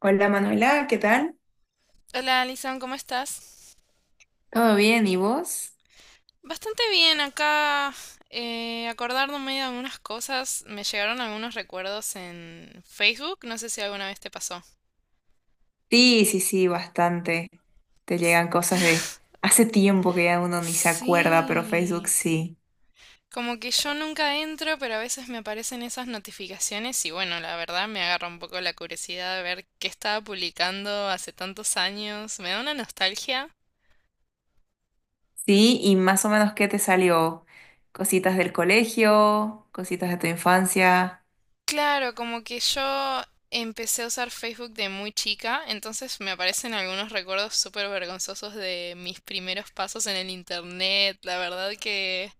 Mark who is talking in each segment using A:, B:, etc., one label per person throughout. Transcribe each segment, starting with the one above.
A: Hola Manuela, ¿qué tal?
B: Hola, Alison, ¿cómo estás?
A: ¿Todo bien? ¿Y vos?
B: Bastante bien, acá acordándome de algunas cosas, me llegaron algunos recuerdos en Facebook, no sé si alguna vez te pasó.
A: Sí, sí, sí, bastante. Te
B: S-
A: llegan cosas de hace tiempo que ya uno ni se acuerda, pero Facebook
B: Sí,
A: sí.
B: como que yo nunca entro, pero a veces me aparecen esas notificaciones y bueno, la verdad me agarra un poco la curiosidad de ver qué estaba publicando hace tantos años, me da una nostalgia.
A: Sí, y más o menos ¿qué te salió? Cositas del colegio, cositas de tu infancia.
B: Claro, como que yo empecé a usar Facebook de muy chica, entonces me aparecen algunos recuerdos súper vergonzosos de mis primeros pasos en el internet. La verdad que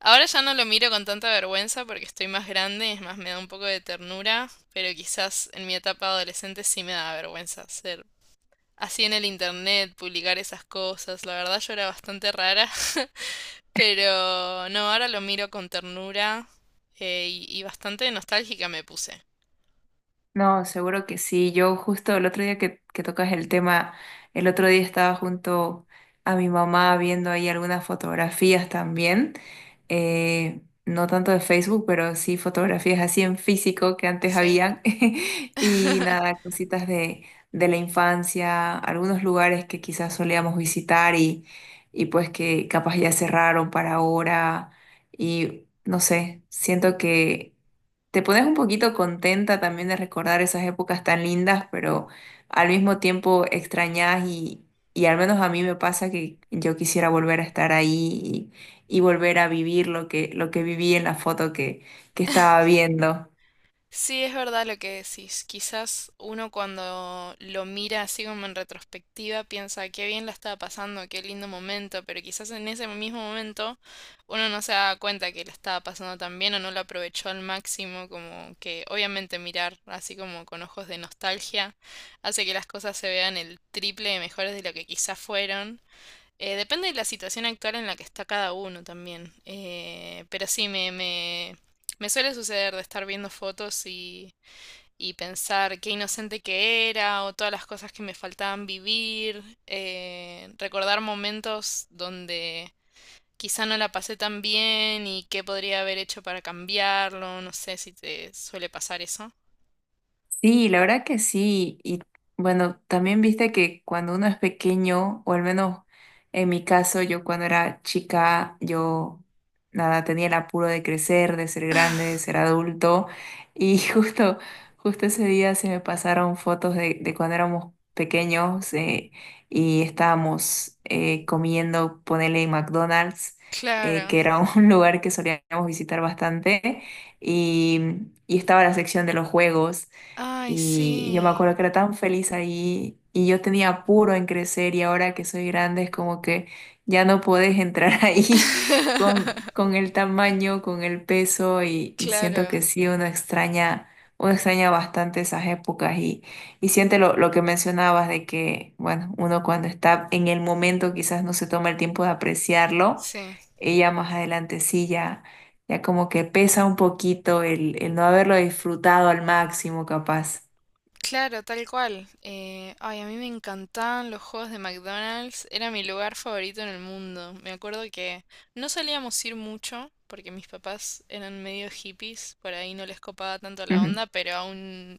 B: ahora ya no lo miro con tanta vergüenza porque estoy más grande, es más, me da un poco de ternura, pero quizás en mi etapa adolescente sí me daba vergüenza ser así en el internet, publicar esas cosas. La verdad yo era bastante rara, pero no, ahora lo miro con ternura, y bastante nostálgica me puse.
A: No, seguro que sí. Yo justo el otro día que tocas el tema, el otro día estaba junto a mi mamá viendo ahí algunas fotografías también, no tanto de Facebook, pero sí fotografías así en físico que antes
B: Sí.
A: habían. Y nada, de la infancia, algunos lugares que quizás solíamos visitar y pues que capaz ya cerraron para ahora. Y no sé, siento que... Te pones un poquito contenta también de recordar esas épocas tan lindas, pero al mismo tiempo extrañas y al menos a mí me pasa que yo quisiera volver a estar ahí y volver a vivir lo que viví en la foto que estaba viendo.
B: Sí, es verdad lo que decís. Quizás uno cuando lo mira así como en retrospectiva piensa qué bien la estaba pasando, qué lindo momento, pero quizás en ese mismo momento uno no se da cuenta que la estaba pasando tan bien o no lo aprovechó al máximo, como que obviamente mirar así como con ojos de nostalgia hace que las cosas se vean el triple de mejores de lo que quizás fueron. Depende de la situación actual en la que está cada uno también. Pero sí, me suele suceder de estar viendo fotos y pensar qué inocente que era o todas las cosas que me faltaban vivir. Recordar momentos donde quizá no la pasé tan bien y qué podría haber hecho para cambiarlo. No sé si te suele pasar eso.
A: Sí, la verdad que sí. Y bueno, también viste que cuando uno es pequeño, o al menos en mi caso, yo cuando era chica, yo nada, tenía el apuro de crecer, de ser grande, de ser adulto. Y justo ese día se me pasaron de cuando éramos pequeños y estábamos comiendo, ponele en McDonald's,
B: Claro.
A: que era un lugar que solíamos visitar bastante, y estaba la sección de los juegos.
B: Ay,
A: Y yo me
B: sí.
A: acuerdo que era tan feliz ahí y yo tenía apuro en crecer y ahora que soy grande es como que ya no puedes entrar ahí con el tamaño, con el peso y siento que
B: Claro.
A: sí, uno extraña bastante esas épocas y siente lo que mencionabas de que, bueno, uno cuando está en el momento quizás no se toma el tiempo de apreciarlo,
B: Sí.
A: ella más adelante sí ya como que pesa un poquito el no haberlo disfrutado al máximo capaz.
B: Claro, tal cual. Ay, a mí me encantaban los juegos de McDonald's, era mi lugar favorito en el mundo. Me acuerdo que no solíamos ir mucho porque mis papás eran medio hippies, por ahí no les copaba tanto la
A: Ujú.
B: onda, pero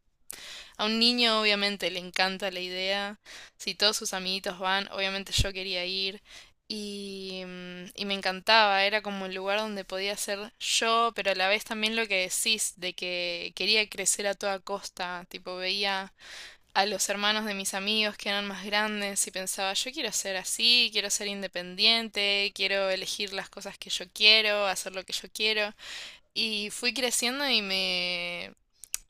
B: a un niño obviamente le encanta la idea. Si todos sus amiguitos van, obviamente yo quería ir. Y, mm, y me encantaba, era como el lugar donde podía ser yo, pero a la vez también lo que decís, de que quería crecer a toda costa, tipo veía a los hermanos de mis amigos que eran más grandes y pensaba, yo quiero ser así, quiero ser independiente, quiero elegir las cosas que yo quiero, hacer lo que yo quiero. Y fui creciendo y me...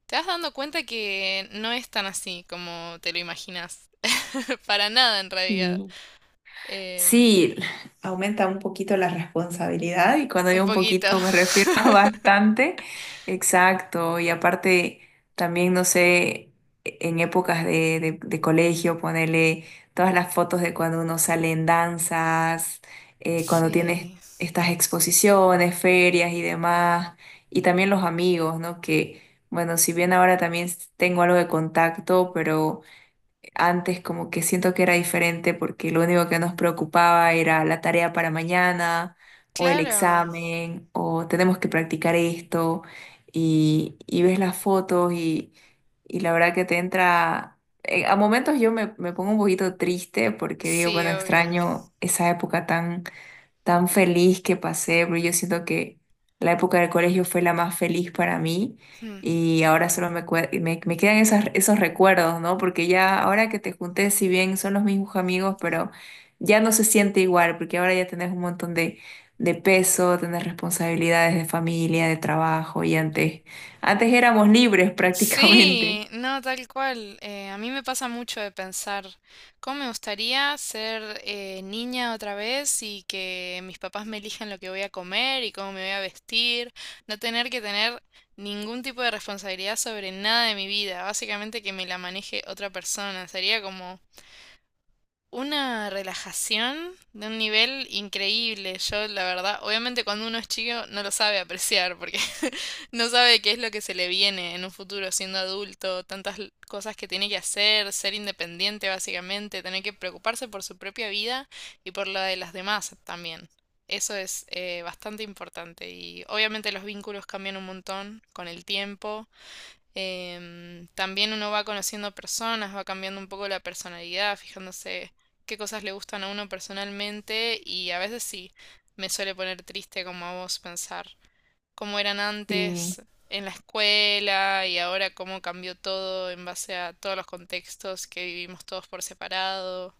B: Te vas dando cuenta que no es tan así como te lo imaginas. Para nada en realidad.
A: Y
B: Em,
A: sí, aumenta un poquito la responsabilidad y cuando
B: un
A: digo un
B: poquito.
A: poquito me refiero a bastante. Exacto. Y aparte, también, no sé, en épocas de, de colegio, ponerle todas las fotos de cuando uno sale en danzas, cuando tienes
B: Sí,
A: estas exposiciones, ferias y demás. Y también los amigos, ¿no? Que, bueno, si bien ahora también tengo algo de contacto, pero... Antes como que siento que era diferente porque lo único que nos preocupaba era la tarea para mañana o el
B: claro.
A: examen o tenemos que practicar esto y ves las fotos y la verdad que te entra... A momentos yo me pongo un poquito triste porque digo,
B: Sí,
A: bueno,
B: obvio.
A: extraño esa época tan tan feliz que pasé, porque yo siento que la época del colegio fue la más feliz para mí
B: Mm.
A: y ahora solo me quedan esos recuerdos, ¿no? Porque ya ahora que te junté, si bien son los mismos amigos, pero ya no se siente igual, porque ahora ya tenés un de peso, tenés responsabilidades de familia, de trabajo y antes, antes éramos libres prácticamente.
B: Sí, no, tal cual. A mí me pasa mucho de pensar cómo me gustaría ser niña otra vez y que mis papás me elijan lo que voy a comer y cómo me voy a vestir, no tener que tener ningún tipo de responsabilidad sobre nada de mi vida, básicamente que me la maneje otra persona. Sería como una relajación de un nivel increíble. Yo, la verdad, obviamente cuando uno es chico no lo sabe apreciar porque no sabe qué es lo que se le viene en un futuro siendo adulto, tantas cosas que tiene que hacer, ser independiente básicamente, tener que preocuparse por su propia vida y por la de las demás también. Eso es bastante importante y obviamente los vínculos cambian un montón con el tiempo. También uno va conociendo personas, va cambiando un poco la personalidad, fijándose qué cosas le gustan a uno personalmente y a veces sí, me suele poner triste como a vos pensar cómo eran
A: Sí.
B: antes en la escuela y ahora cómo cambió todo en base a todos los contextos que vivimos todos por separado.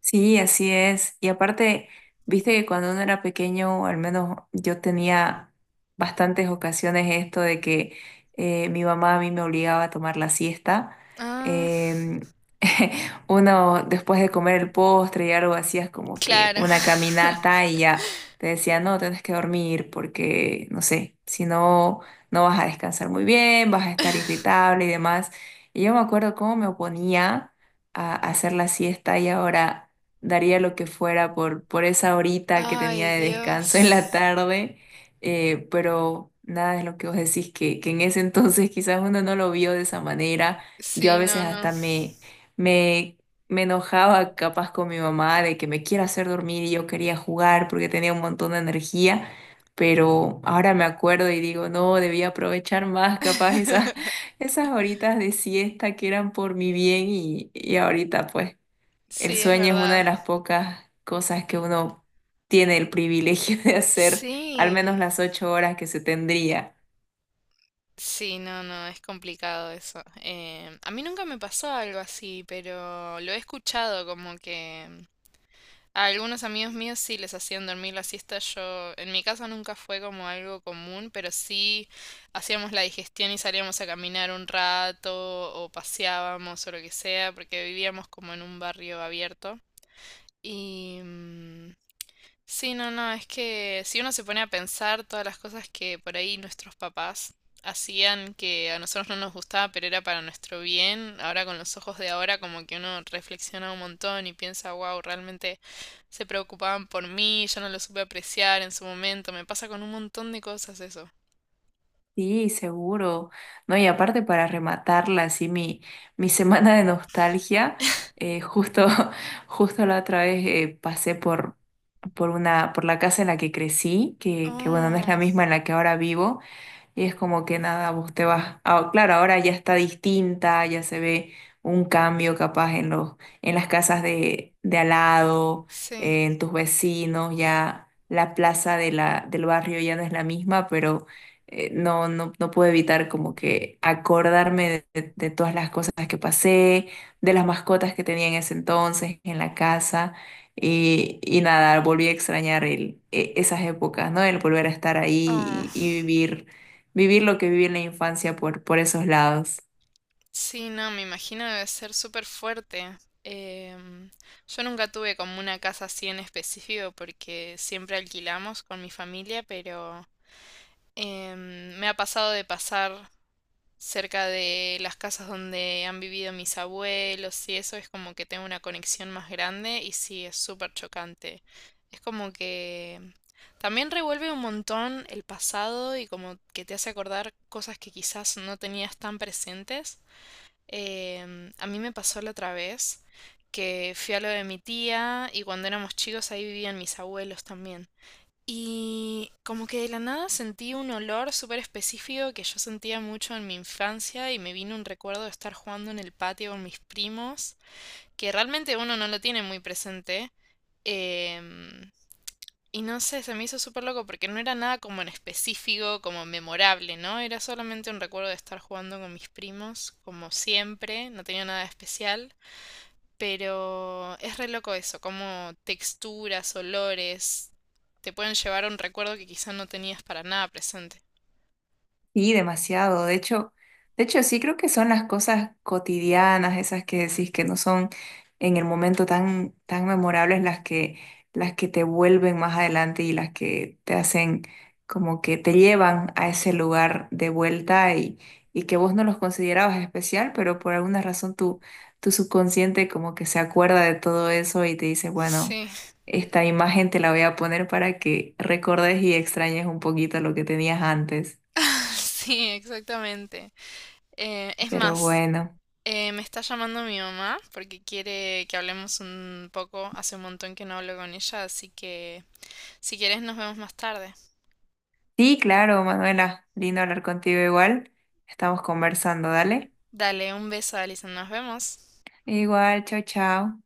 A: Sí, así es. Y aparte, viste que cuando uno era pequeño, al menos yo tenía bastantes ocasiones esto de que mi mamá a mí me obligaba a tomar la siesta.
B: Ah,
A: Em, uno después de comer el postre y algo hacías como que
B: claro.
A: una caminata y ya te decía, no, tienes que dormir porque, no sé, si no, no vas a descansar muy bien, vas a estar irritable y demás. Y yo me acuerdo cómo me oponía a hacer la siesta y ahora daría lo que fuera por esa horita que tenía
B: Ay,
A: de descanso en la
B: Dios.
A: tarde, pero nada es lo que vos decís, que en ese entonces quizás uno no lo vio de esa manera. Yo a
B: Sí,
A: veces
B: no, no.
A: hasta me, me enojaba capaz con mi mamá de que me quiera hacer dormir y yo quería jugar porque tenía un montón de energía. Pero ahora me acuerdo y digo, no, debía aprovechar más capaz esas horitas de siesta que eran por mi bien y ahorita pues. El
B: Sí, es
A: sueño es una de
B: verdad.
A: las pocas cosas que uno tiene el privilegio de hacer, al menos
B: Sí.
A: las ocho horas que se tendría.
B: Sí, no, no, es complicado eso. A mí nunca me pasó algo así, pero lo he escuchado como que mm, a algunos amigos míos sí les hacían dormir la siesta. Yo, en mi casa nunca fue como algo común, pero sí hacíamos la digestión y salíamos a caminar un rato o paseábamos o lo que sea, porque vivíamos como en un barrio abierto. Y, mm, sí, no, no, es que si uno se pone a pensar todas las cosas que por ahí nuestros papás hacían que a nosotros no nos gustaba, pero era para nuestro bien, ahora con los ojos de ahora como que uno reflexiona un montón y piensa, wow, realmente se preocupaban por mí, yo no lo supe apreciar en su momento, me pasa con un montón de cosas eso.
A: Sí, seguro. No, y aparte para rematarla, así mi semana de nostalgia, eh, justo, justo la otra vez pasé por la casa en la que crecí, que bueno, no es la
B: Oh,
A: misma en la que ahora vivo, y es como que nada, vos te vas, ah, claro, ahora ya está distinta, ya se ve un cambio capaz en en las casas de al lado,
B: sí.
A: en tus vecinos, ya la plaza de del barrio ya no es la misma, pero no puedo evitar como que de todas las cosas que pasé, de las mascotas que tenía en ese entonces en la casa. Y nada, volví a extrañar esas épocas, ¿no? El volver a estar
B: Oh.
A: ahí y vivir lo que viví en la infancia por esos lados.
B: Sí, no, me imagino debe ser súper fuerte. Em, yo nunca tuve como una casa así en específico porque siempre alquilamos con mi familia, pero me ha pasado de pasar cerca de las casas donde han vivido mis abuelos y eso es como que tengo una conexión más grande y sí, es súper chocante. Es como que también revuelve un montón el pasado y como que te hace acordar cosas que quizás no tenías tan presentes. A mí me pasó la otra vez que fui a lo de mi tía y cuando éramos chicos ahí vivían mis abuelos también. Y como que de la nada sentí un olor súper específico que yo sentía mucho en mi infancia y me vino un recuerdo de estar jugando en el patio con mis primos, que realmente uno no lo tiene muy presente. Em, y no sé, se me hizo súper loco porque no era nada como en específico, como memorable, ¿no? Era solamente un recuerdo de estar jugando con mis primos, como siempre, no tenía nada de especial, pero es re loco eso, como texturas, olores, te pueden llevar a un recuerdo que quizás no tenías para nada presente.
A: Sí, demasiado. De hecho, sí creo que son las cosas cotidianas, esas que decís que no son en el momento tan, tan memorables las que te vuelven más adelante y las que te hacen como que te llevan a ese lugar de vuelta y que vos no los considerabas especial, pero por alguna razón tu subconsciente como que se acuerda de todo eso y te dice, bueno,
B: Sí,
A: esta imagen te la voy a poner para que recordes y extrañes un poquito lo que tenías antes.
B: sí, exactamente. Es
A: Pero
B: más,
A: bueno.
B: me está llamando mi mamá porque quiere que hablemos un poco, hace un montón que no hablo con ella, así que si quieres, nos vemos más tarde.
A: Sí, claro, Manuela. Lindo hablar contigo igual. Estamos conversando, dale.
B: Dale un beso, Alison. Nos vemos.
A: Igual, chao, chao.